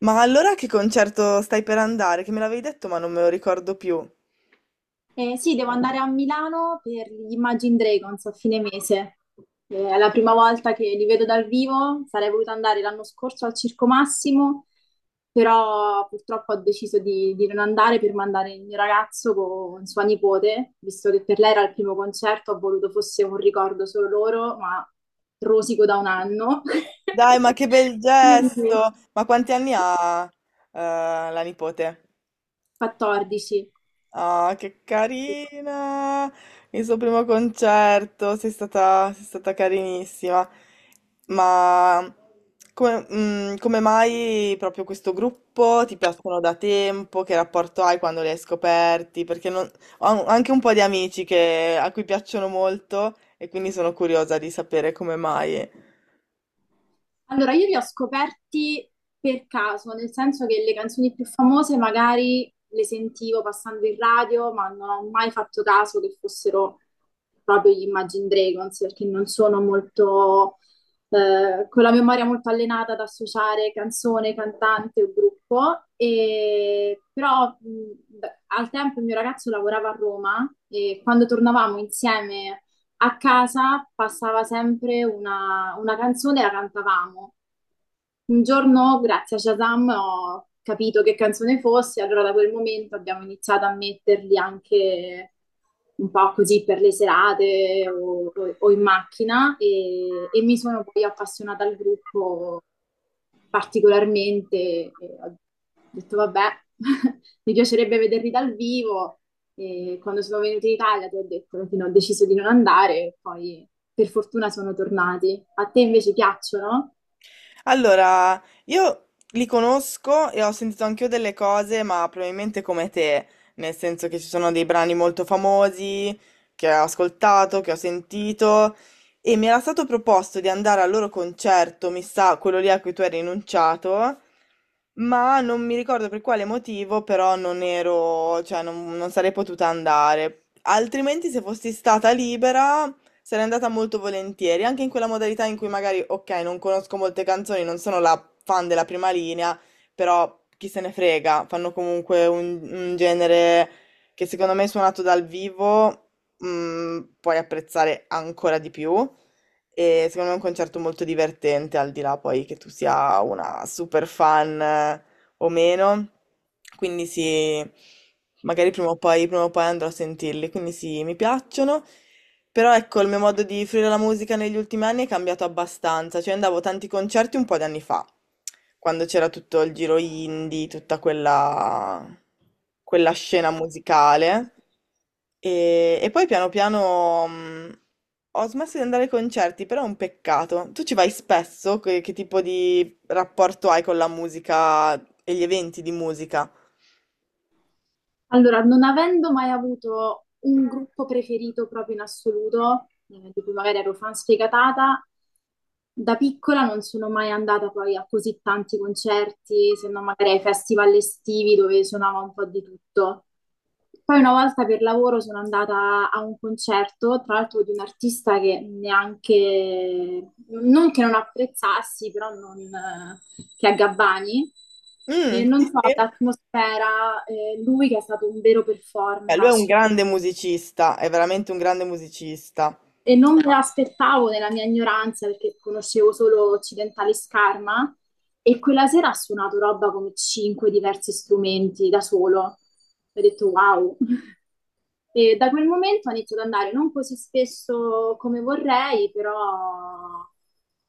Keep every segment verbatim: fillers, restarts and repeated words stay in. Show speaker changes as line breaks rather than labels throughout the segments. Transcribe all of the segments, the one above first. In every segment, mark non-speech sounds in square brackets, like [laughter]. Ma allora a che concerto stai per andare? Che me l'avevi detto ma non me lo ricordo più.
Eh, sì, Devo andare a Milano per gli Imagine Dragons a fine mese. Eh, è la prima volta che li vedo dal vivo, sarei voluta andare l'anno scorso al Circo Massimo, però purtroppo ho deciso di, di non andare per mandare il mio ragazzo con sua nipote, visto che per lei era il primo concerto, ho voluto fosse un ricordo solo loro, ma rosico da un anno.
Dai,
[laughs]
ma che bel
Quindi
gesto! Ma quanti anni ha, eh, la nipote?
quattordici.
Ah, che carina! Il suo primo concerto, sei stata, sei stata carinissima. Ma come, mm, come mai proprio questo gruppo? Ti piacciono da tempo? Che rapporto hai quando li hai scoperti? Perché non- Ho anche un po' di amici che- a cui piacciono molto e quindi sono curiosa di sapere come mai.
Allora, io li ho scoperti per caso, nel senso che le canzoni più famose magari le sentivo passando in radio, ma non ho mai fatto caso che fossero proprio gli Imagine Dragons, perché non sono molto, eh, con la memoria molto allenata ad associare canzone, cantante o gruppo. E, però mh, beh, al tempo il mio ragazzo lavorava a Roma e quando tornavamo insieme a casa passava sempre una, una canzone e la cantavamo. Un giorno, grazie a Shazam, ho capito che canzone fosse, allora da quel momento abbiamo iniziato a metterli anche un po' così per le serate o, o- o in macchina e, e mi sono poi appassionata al gruppo particolarmente e ho detto vabbè, [laughs] mi piacerebbe vederli dal vivo e quando sono venuti in Italia ti ho detto che no, ho deciso di non andare, poi per fortuna sono tornati. A te invece piacciono?
Allora, io li conosco e ho sentito anch'io delle cose, ma probabilmente come te, nel senso che ci sono dei brani molto famosi che ho ascoltato, che ho sentito e mi era stato proposto di andare al loro concerto, mi sa, quello lì a cui tu hai rinunciato, ma non mi ricordo per quale motivo, però non ero, cioè non, non sarei potuta andare. Altrimenti se fossi stata libera sarei andata molto volentieri, anche in quella modalità in cui magari, ok, non conosco molte canzoni, non sono la fan della prima linea, però chi se ne frega, fanno comunque un, un genere che secondo me suonato dal vivo, mm, puoi apprezzare ancora di più. E secondo me è un concerto molto divertente, al di là poi che tu sia una super fan o meno, quindi sì, magari prima o poi, prima o poi andrò a sentirli, quindi sì, mi piacciono, però ecco, il mio modo di fruire la musica negli ultimi anni è cambiato abbastanza, cioè andavo a tanti concerti un po' di anni fa, quando c'era tutto il giro indie, tutta quella, quella scena musicale, e, e poi piano piano... mh, Ho smesso di andare ai concerti, però è un peccato. Tu ci vai spesso? Che, che tipo di rapporto hai con la musica e gli eventi di musica?
Allora, non avendo mai avuto un gruppo preferito proprio in assoluto, eh, di cui magari ero fan sfegatata, da piccola non sono mai andata poi a così tanti concerti, se non magari ai festival estivi dove suonava un po' di tutto. Poi una volta per lavoro sono andata a un concerto, tra l'altro di un artista che neanche, non che non apprezzassi, però non, eh, che è Gabbani. E
Mm, sì,
non so,
sì.
l'atmosfera, eh, lui che è stato un vero
Beh,
performer
lui è un
assu-
grande musicista, è veramente un grande musicista.
E non me l'aspettavo nella mia ignoranza perché conoscevo solo Occidentali Scarma e quella sera ha suonato roba come cinque diversi strumenti da solo. Ho detto wow. E da quel momento ho iniziato ad andare non così spesso come vorrei, però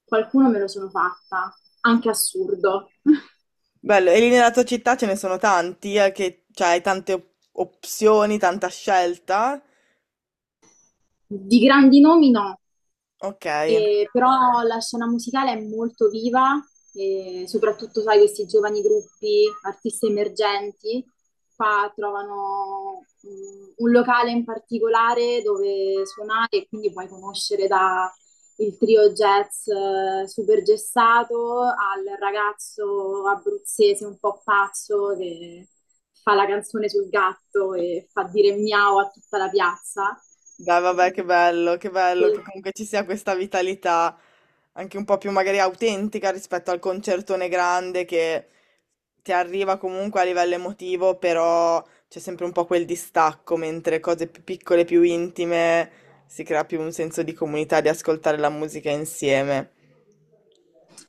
qualcuno me lo sono fatta, anche assurdo. [laughs]
Bello, e lì nella tua città ce ne sono tanti, eh, che cioè, hai tante op- opzioni, tanta scelta.
Di grandi nomi no.
Ok.
E però la scena musicale è molto viva, e soprattutto, sai, questi giovani gruppi, artisti emergenti, qua trovano mm, un locale in particolare dove suonare e quindi puoi conoscere da il trio jazz eh, super gessato al ragazzo abruzzese un po' pazzo che fa la canzone sul gatto e fa dire miau a tutta la piazza.
Beh, vabbè, che bello, che bello che
Eh,
comunque ci sia questa vitalità anche un po' più magari autentica rispetto al concertone grande che ti arriva comunque a livello emotivo, però c'è sempre un po' quel distacco, mentre cose più piccole, più intime, si crea più un senso di comunità, di ascoltare la musica insieme.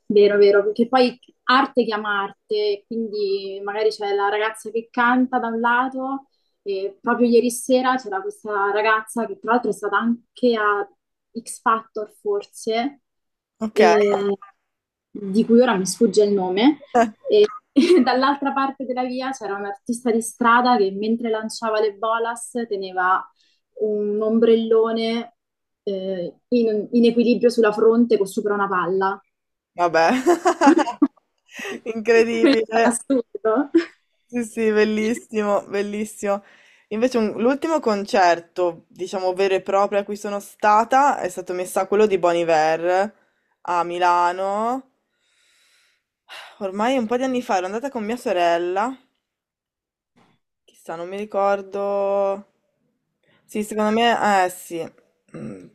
Vero, vero, perché poi arte chiama arte, quindi magari c'è la ragazza che canta da un lato, e proprio ieri sera c'era questa ragazza che tra l'altro è stata anche a X Factor forse,
Ok.
e- di cui ora mi sfugge il nome,
[laughs]
[laughs] e dall'altra parte della via c'era un artista di strada che mentre lanciava le bolas teneva un ombrellone eh, in, in equilibrio sulla fronte con sopra una palla.
Vabbè. [laughs]
[laughs] Questo è
Incredibile.
assurdo.
Sì, sì, bellissimo, bellissimo. Invece un- l'ultimo concerto, diciamo vero e proprio a cui sono stata, è stato messa a quello di Bon Iver a Milano. Ormai un po' di anni fa ero andata con mia sorella. Chissà, non mi ricordo. Sì, secondo me, eh sì, mm,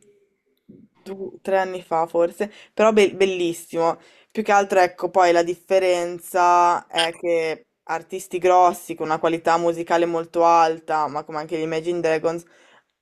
du- tre anni fa forse, però be- bellissimo. Più che altro, ecco, poi la differenza è che artisti grossi con una qualità musicale molto alta, ma come anche gli Imagine Dragons,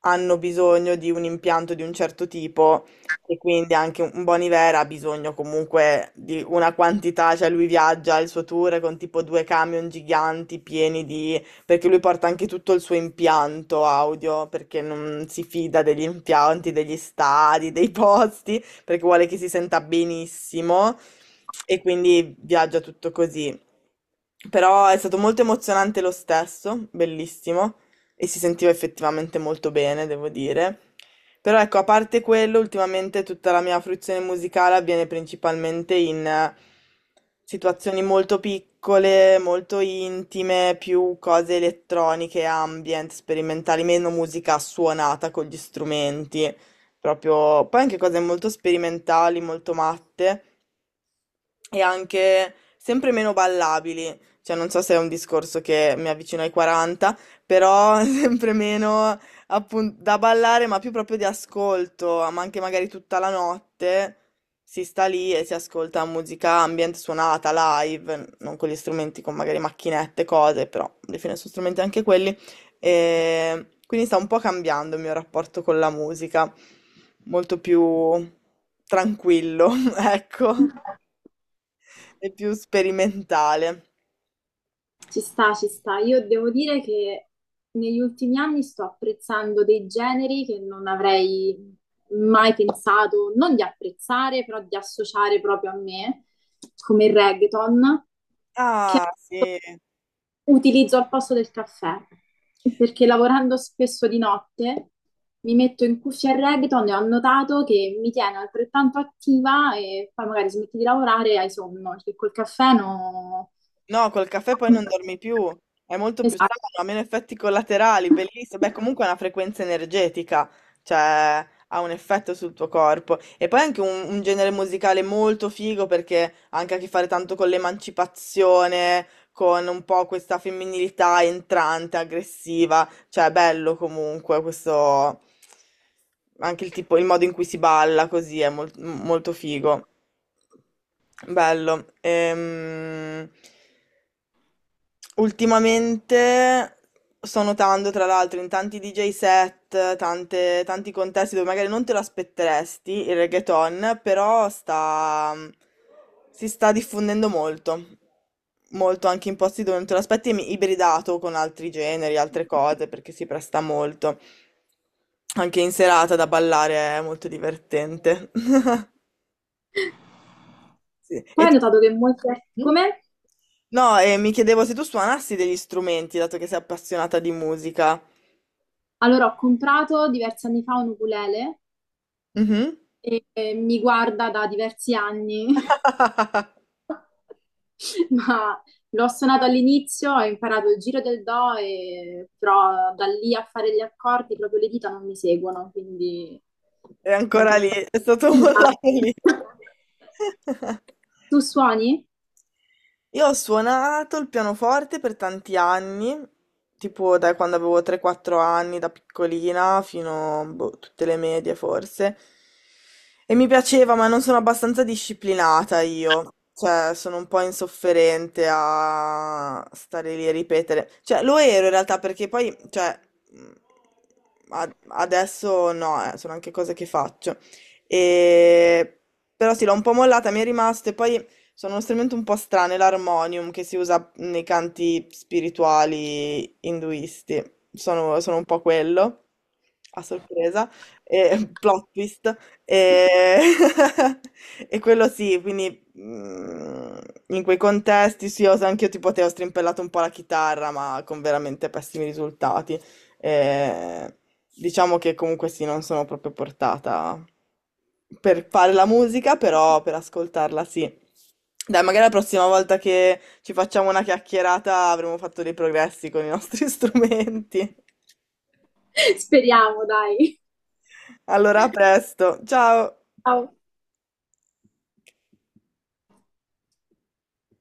hanno bisogno di un impianto di un certo tipo e quindi anche un Bon Iver ha bisogno comunque di una quantità, cioè lui viaggia il suo tour con tipo due camion giganti pieni di perché lui porta anche tutto il suo impianto audio, perché non si fida degli impianti, degli stadi, dei posti, perché vuole che si senta benissimo e quindi viaggia tutto così. Però è stato molto emozionante lo stesso, bellissimo e si sentiva effettivamente molto bene, devo dire. Però ecco, a parte quello, ultimamente tutta la mia fruizione musicale avviene principalmente in eh, situazioni molto piccole, molto intime, più cose elettroniche, ambient, sperimentali, meno musica suonata con gli strumenti, proprio poi anche cose molto sperimentali, molto matte e anche sempre meno ballabili. Cioè, non so se è un discorso che mi avvicina ai quaranta, però [laughs] sempre meno appunto da ballare, ma più proprio di ascolto, ma anche magari tutta la notte si sta lì e si ascolta musica ambient suonata live, non con gli strumenti, con magari macchinette, cose, però alla fine sono strumenti anche quelli. E quindi sta un po' cambiando il mio rapporto con la musica, molto più tranquillo, [laughs] ecco. È più sperimentale.
Ci sta, ci sta. Io devo dire che negli ultimi anni sto apprezzando dei generi che non avrei mai pensato, non di apprezzare, però di associare proprio a me, come il reggaeton, che
Ah, sì.
utilizzo al posto del caffè, perché lavorando spesso di notte mi metto in cuffia il reggaeton e ho notato che mi tiene altrettanto attiva e poi magari smetti di lavorare e hai sonno, perché col caffè no...
No, col caffè poi non dormi più, è molto più
Esatto.
sano, ha meno effetti collaterali, bellissimo. Beh, comunque è una frequenza energetica, cioè ha un effetto sul tuo corpo. E poi è anche un, un genere musicale molto figo perché ha anche a che fare tanto con l'emancipazione, con un po' questa femminilità entrante, aggressiva, cioè è bello comunque questo, anche il tipo, il modo in cui si balla così è mol- molto figo. Bello. Ehm, Ultimamente sto notando, tra l'altro, in tanti D J set, tante- tanti contesti dove magari non te lo aspetteresti il reggaeton, però sta, si sta diffondendo molto, molto anche in posti dove non te lo aspetti, mi- ibridato con altri generi, altre cose, perché si presta molto. Anche in serata da ballare è molto divertente. [laughs] Sì.
Poi ho notato che molte...
Mm.
Come?
No, e mi chiedevo se tu suonassi degli strumenti, dato che sei appassionata di musica.
Allora ho comprato diversi anni fa un ukulele
Mhm.
e eh, mi guarda da diversi anni.
[laughs]
Ma l'ho suonato all'inizio, ho imparato il giro del do, e- però da lì a fare gli accordi proprio le dita non mi seguono, quindi...
È ancora lì, è stato mollato lì.
[laughs]
[laughs]
Tu suoni?
Io ho suonato il pianoforte per tanti anni, tipo da quando avevo tre quattro anni, da piccolina, fino a tutte le medie forse. E mi piaceva, ma non sono abbastanza disciplinata io. Cioè, sono un po' insofferente a stare lì a ripetere. Cioè, lo ero in realtà perché poi, cioè, mh, ad- adesso no, eh, sono anche cose che faccio. E... Però sì, l'ho un po' mollata, mi è rimasto e poi sono uno strumento un po' strano, è l'armonium che si usa nei canti spirituali induisti. Sono, sono un po' quello, a sorpresa, e, [laughs] plot twist. E, [laughs] e quello sì, quindi mm, in quei contesti sì, ho, anche io tipo te ho strimpellato un po' la chitarra, ma con veramente pessimi risultati. E diciamo che comunque sì, non sono proprio portata per fare la musica, però per ascoltarla sì. Dai, magari la prossima volta che ci facciamo una chiacchierata avremo fatto dei progressi con i nostri [laughs] strumenti.
[laughs] Speriamo, dai.
Allora, a presto. Ciao!
Ciao.